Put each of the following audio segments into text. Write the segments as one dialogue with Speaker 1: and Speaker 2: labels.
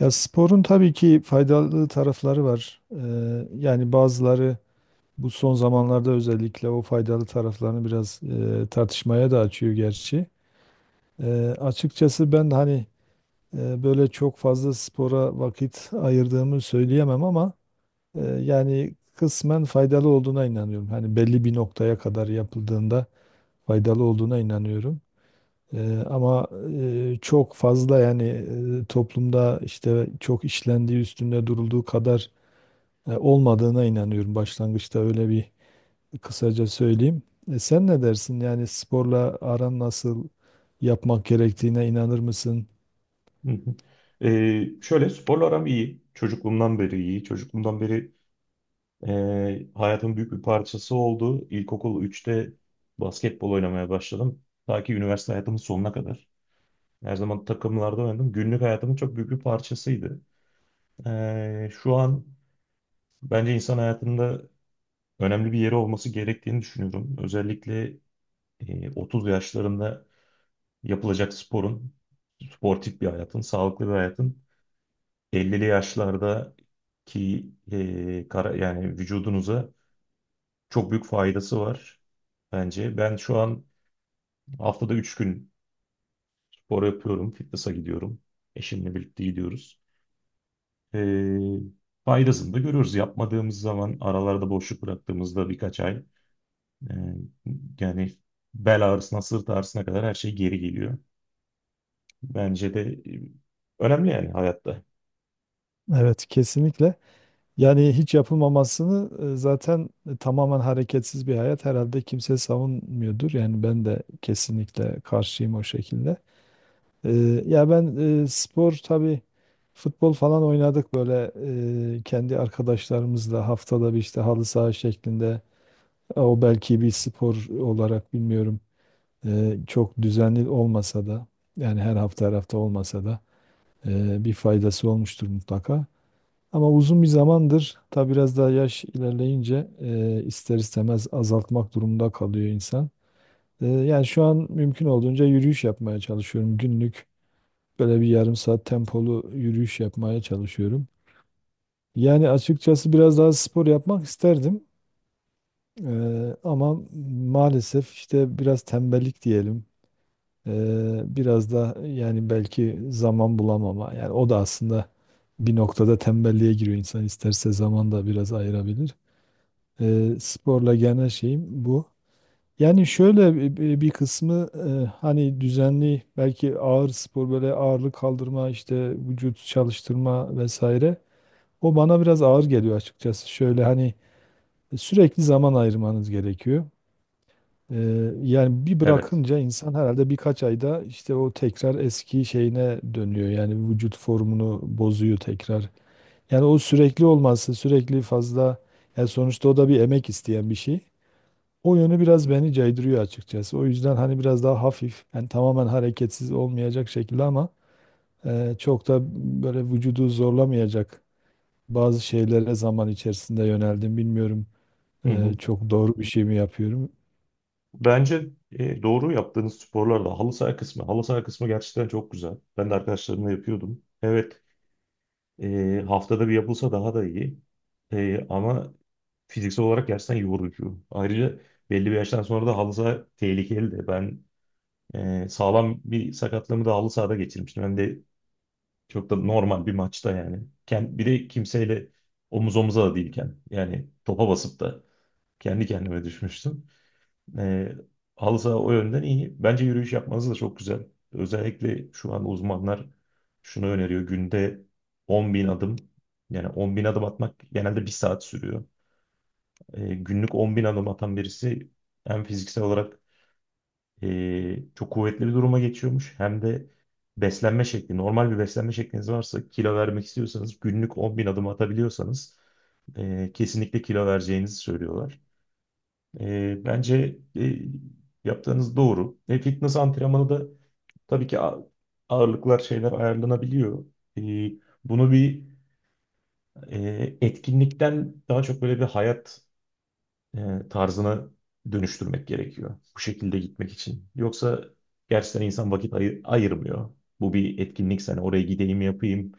Speaker 1: Ya sporun tabii ki faydalı tarafları var. Yani bazıları bu son zamanlarda özellikle o faydalı taraflarını biraz tartışmaya da açıyor gerçi. Açıkçası ben hani böyle çok fazla spora vakit ayırdığımı söyleyemem ama yani kısmen faydalı olduğuna inanıyorum. Hani belli bir noktaya kadar yapıldığında faydalı olduğuna inanıyorum. Ama çok fazla yani toplumda işte çok işlendiği üstünde durulduğu kadar olmadığına inanıyorum. Başlangıçta öyle bir kısaca söyleyeyim. Sen ne dersin? Yani sporla aran nasıl, yapmak gerektiğine inanır mısın?
Speaker 2: Hı hı. Şöyle sporla aram iyi. Çocukluğumdan beri iyi. Çocukluğumdan beri hayatın büyük bir parçası oldu. İlkokul üçte basketbol oynamaya başladım. Ta ki üniversite hayatımın sonuna kadar. Her zaman takımlarda oynadım. Günlük hayatımın çok büyük bir parçasıydı. Şu an bence insan hayatında önemli bir yeri olması gerektiğini düşünüyorum. Özellikle 30 yaşlarında yapılacak sporun, sportif bir hayatın, sağlıklı bir hayatın 50'li yaşlardaki yani vücudunuza çok büyük faydası var bence. Ben şu an haftada 3 gün spor yapıyorum, fitness'a gidiyorum. Eşimle birlikte gidiyoruz. E, faydasını da görüyoruz. Yapmadığımız zaman aralarda boşluk bıraktığımızda birkaç ay e, yani bel ağrısına, sırt ağrısına kadar her şey geri geliyor. Bence de e, önemli yani hayatta.
Speaker 1: Evet, kesinlikle. Yani hiç yapılmamasını zaten tamamen hareketsiz bir hayat herhalde kimse savunmuyordur. Yani ben de kesinlikle karşıyım o şekilde. E, Ya ben spor tabii futbol falan oynadık böyle kendi arkadaşlarımızla haftada bir işte halı saha şeklinde. O belki bir spor olarak bilmiyorum, çok düzenli olmasa da yani her hafta her hafta olmasa da bir faydası olmuştur mutlaka. Ama uzun bir zamandır tabi biraz daha yaş ilerleyince ister istemez azaltmak durumunda kalıyor insan. Yani şu an mümkün olduğunca yürüyüş yapmaya çalışıyorum. Günlük böyle bir yarım saat tempolu yürüyüş yapmaya çalışıyorum. Yani açıkçası biraz daha spor yapmak isterdim. Ama maalesef işte biraz tembellik diyelim. Biraz da yani belki zaman bulamama. Yani o da aslında bir noktada tembelliğe giriyor. İnsan isterse zaman da biraz ayırabilir. Sporla genel şeyim bu. Yani şöyle bir kısmı hani düzenli belki ağır spor, böyle ağırlık kaldırma işte vücut çalıştırma vesaire. O bana biraz ağır geliyor açıkçası. Şöyle hani sürekli zaman ayırmanız gerekiyor. Yani bir
Speaker 2: Evet.
Speaker 1: bırakınca insan herhalde birkaç ayda işte o tekrar eski şeyine dönüyor. Yani vücut formunu bozuyor tekrar. Yani o sürekli olması, sürekli fazla, yani sonuçta o da bir emek isteyen bir şey. O yönü biraz beni caydırıyor açıkçası. O yüzden hani biraz daha hafif, yani tamamen hareketsiz olmayacak şekilde ama çok da böyle vücudu zorlamayacak bazı şeylere zaman içerisinde yöneldim. Bilmiyorum
Speaker 2: Hı hı.
Speaker 1: çok doğru bir şey mi yapıyorum.
Speaker 2: Bence doğru yaptığınız sporlarda halı saha kısmı. Halı saha kısmı gerçekten çok güzel. Ben de arkadaşlarımla yapıyordum. Evet, haftada bir yapılsa daha da iyi. Ama fiziksel olarak gerçekten yorucu. Ayrıca belli bir yaştan sonra da halı saha tehlikeli de. Ben sağlam bir sakatlığımı da halı sahada geçirmiştim. Hem de çok da normal bir maçta yani. Bir de kimseyle omuz omuza da değilken yani topa basıp da kendi kendime düşmüştüm. E, halı saha o yönden iyi. Bence yürüyüş yapmanız da çok güzel. Özellikle şu an uzmanlar şunu öneriyor. Günde 10 bin adım. Yani 10 bin adım atmak genelde bir saat sürüyor. Günlük 10 bin adım atan birisi hem fiziksel olarak çok kuvvetli bir duruma geçiyormuş hem de beslenme şekli. Normal bir beslenme şekliniz varsa kilo vermek istiyorsanız günlük 10 bin adım atabiliyorsanız kesinlikle kilo vereceğinizi söylüyorlar. Bence yaptığınız doğru. Fitness antrenmanı da tabii ki ağırlıklar şeyler ayarlanabiliyor. E, bunu bir etkinlikten daha çok böyle bir hayat tarzına dönüştürmek gerekiyor. Bu şekilde gitmek için. Yoksa gerçekten insan vakit ayırmıyor. Bu bir etkinlik hani oraya gideyim yapayım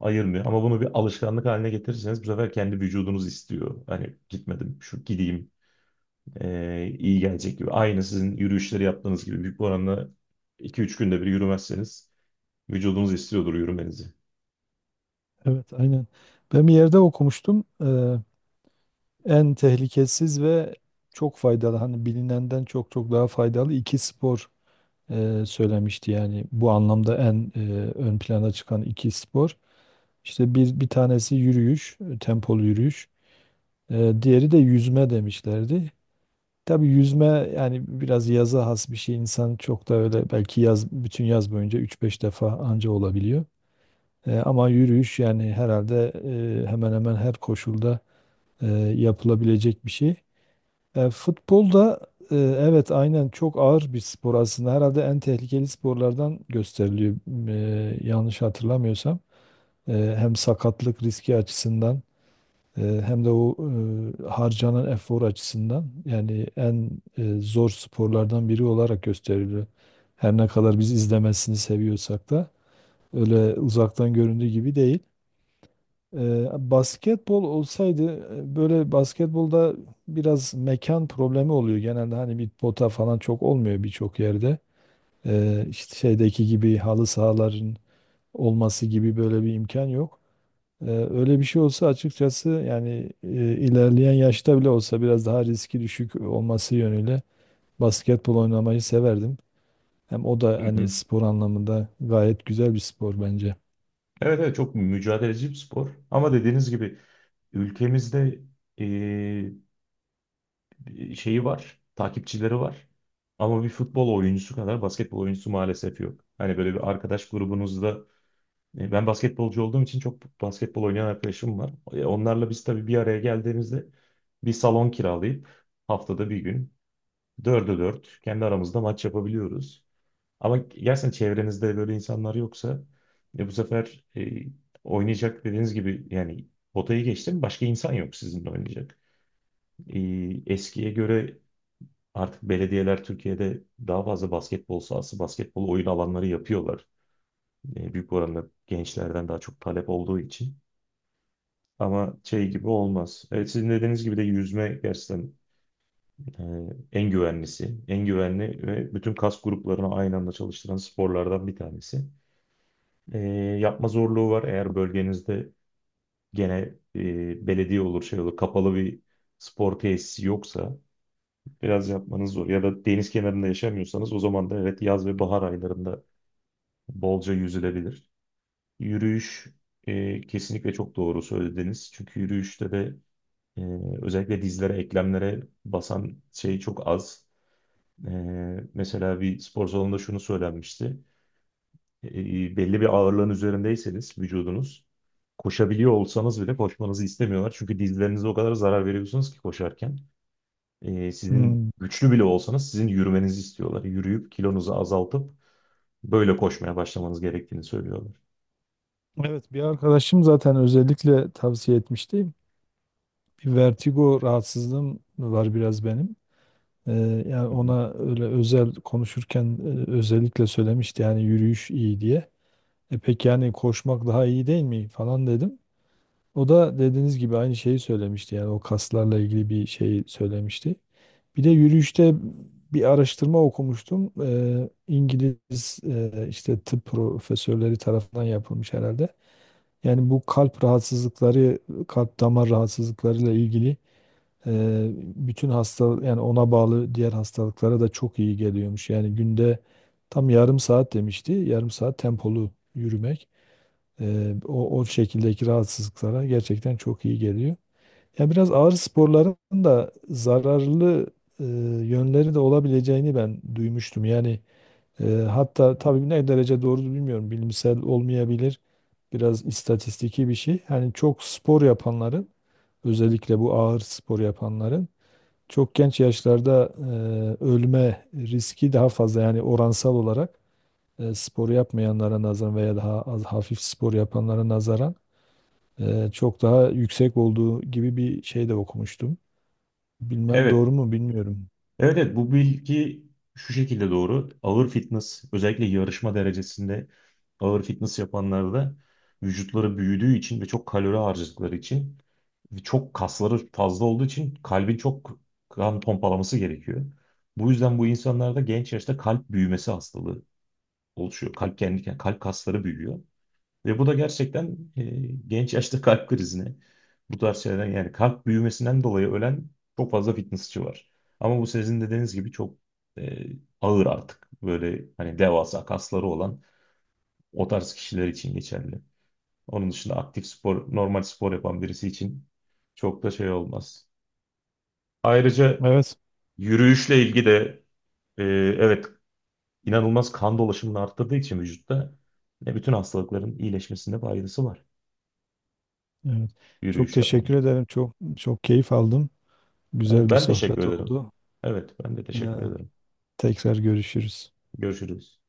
Speaker 2: ayırmıyor. Ama bunu bir alışkanlık haline getirirseniz bu sefer kendi vücudunuz istiyor. Hani gitmedim, şu gideyim iyi gelecek gibi. Aynı sizin yürüyüşleri yaptığınız gibi büyük bir oranla 2-3 günde bir yürümezseniz vücudunuz istiyordur yürümenizi.
Speaker 1: Evet, aynen. Ben bir yerde okumuştum. En tehlikesiz ve çok faydalı, hani bilinenden çok çok daha faydalı iki spor söylemişti. Yani bu anlamda en ön plana çıkan iki spor. İşte bir tanesi yürüyüş, tempolu yürüyüş. Diğeri de yüzme demişlerdi. Tabii yüzme yani biraz yaza has bir şey. İnsan çok da öyle belki yaz, bütün yaz boyunca üç beş defa anca olabiliyor. Ama yürüyüş yani herhalde hemen hemen her koşulda e, yapılabilecek bir şey. Futbol da evet aynen çok ağır bir spor aslında. Herhalde en tehlikeli sporlardan gösteriliyor yanlış hatırlamıyorsam. E, Hem sakatlık riski açısından hem de o harcanan efor açısından yani en zor sporlardan biri olarak gösteriliyor. Her ne kadar biz izlemesini seviyorsak da öyle uzaktan göründüğü gibi değil. Basketbol olsaydı, böyle basketbolda biraz mekan problemi oluyor. Genelde hani bir pota falan çok olmuyor birçok yerde. İşte şeydeki gibi halı sahaların olması gibi böyle bir imkan yok. Öyle bir şey olsa açıkçası yani ilerleyen yaşta bile olsa biraz daha riski düşük olması yönüyle basketbol oynamayı severdim. Hem o da
Speaker 2: Hı
Speaker 1: hani
Speaker 2: hı.
Speaker 1: spor anlamında gayet güzel bir spor bence.
Speaker 2: Evet, evet, çok mücadeleci bir spor. Ama dediğiniz gibi ülkemizde şeyi var, takipçileri var. Ama bir futbol oyuncusu kadar basketbol oyuncusu maalesef yok. Hani böyle bir arkadaş grubunuzda ben basketbolcu olduğum için çok basketbol oynayan arkadaşım var. Onlarla biz tabii bir araya geldiğimizde bir salon kiralayıp haftada bir gün dörde dört kendi aramızda maç yapabiliyoruz. Ama gerçekten çevrenizde böyle insanlar yoksa bu sefer oynayacak dediğiniz gibi yani potayı geçtim başka insan yok sizinle oynayacak. Eskiye göre artık belediyeler Türkiye'de daha fazla basketbol sahası, basketbol oyun alanları yapıyorlar. Büyük oranda gençlerden daha çok talep olduğu için. Ama şey gibi olmaz. Evet, sizin dediğiniz gibi de yüzme gerçekten e, en güvenlisi, en güvenli ve bütün kas gruplarını aynı anda çalıştıran sporlardan bir tanesi. E, yapma zorluğu var. Eğer bölgenizde gene belediye olur, şey olur, kapalı bir spor tesisi yoksa biraz yapmanız zor. Ya da deniz kenarında yaşamıyorsanız o zaman da evet yaz ve bahar aylarında bolca yüzülebilir. Yürüyüş kesinlikle çok doğru söylediniz. Çünkü yürüyüşte de e, özellikle dizlere, eklemlere basan şey çok az. E, mesela bir spor salonunda şunu söylenmişti. Belli bir ağırlığın üzerindeyseniz vücudunuz koşabiliyor olsanız bile koşmanızı istemiyorlar. Çünkü dizlerinize o kadar zarar veriyorsunuz ki koşarken. Sizin
Speaker 1: Hmm.
Speaker 2: güçlü bile olsanız sizin yürümenizi istiyorlar. Yürüyüp kilonuzu azaltıp böyle koşmaya başlamanız gerektiğini söylüyorlar.
Speaker 1: Evet, bir arkadaşım zaten özellikle tavsiye etmişti. Bir vertigo rahatsızlığım var biraz benim. Ee, yani
Speaker 2: Hı hı.
Speaker 1: ona öyle özel konuşurken özellikle söylemişti yani yürüyüş iyi diye. E peki, yani koşmak daha iyi değil mi falan dedim. O da dediğiniz gibi aynı şeyi söylemişti. Yani o kaslarla ilgili bir şey söylemişti. Bir de yürüyüşte bir araştırma okumuştum. İngiliz işte tıp profesörleri tarafından yapılmış herhalde. Yani bu kalp rahatsızlıkları, kalp damar rahatsızlıklarıyla ilgili, bütün hasta, yani ona bağlı diğer hastalıklara da çok iyi geliyormuş. Yani günde tam yarım saat demişti. Yarım saat tempolu yürümek o şekildeki rahatsızlıklara gerçekten çok iyi geliyor. Ya biraz ağır sporların da zararlı eee, yönleri de olabileceğini ben duymuştum. Yani hatta tabii ne derece doğru bilmiyorum. Bilimsel olmayabilir. Biraz istatistiki bir şey. Yani çok spor yapanların, özellikle bu ağır spor yapanların çok genç yaşlarda ölme riski daha fazla, yani oransal olarak spor yapmayanlara nazaran veya daha az hafif spor yapanlara nazaran çok daha yüksek olduğu gibi bir şey de okumuştum. Bilmem
Speaker 2: Evet,
Speaker 1: doğru mu bilmiyorum.
Speaker 2: evet, evet bu bilgi şu şekilde doğru. Ağır fitness özellikle yarışma derecesinde ağır fitness yapanlarda vücutları büyüdüğü için ve çok kalori harcadıkları için ve çok kasları fazla olduğu için kalbin çok kan pompalaması gerekiyor. Bu yüzden bu insanlarda genç yaşta kalp büyümesi hastalığı oluşuyor. Kalp kendi kalp kasları büyüyor. Ve bu da gerçekten genç yaşta kalp krizine bu tarz şeylerden yani kalp büyümesinden dolayı ölen çok fazla fitnessçi var. Ama bu sizin dediğiniz gibi çok e, ağır artık. Böyle hani devasa kasları olan o tarz kişiler için geçerli. Onun dışında aktif spor, normal spor yapan birisi için çok da şey olmaz. Ayrıca
Speaker 1: Evet,
Speaker 2: yürüyüşle ilgili de e, evet inanılmaz kan dolaşımını arttırdığı için vücutta ne bütün hastalıkların iyileşmesinde faydası var
Speaker 1: evet. Çok
Speaker 2: yürüyüş yapmanın.
Speaker 1: teşekkür ederim. Çok çok keyif aldım.
Speaker 2: Evet,
Speaker 1: Güzel bir
Speaker 2: ben teşekkür
Speaker 1: sohbet
Speaker 2: ederim.
Speaker 1: oldu.
Speaker 2: Evet, ben de
Speaker 1: E,
Speaker 2: teşekkür ederim.
Speaker 1: Tekrar görüşürüz.
Speaker 2: Görüşürüz.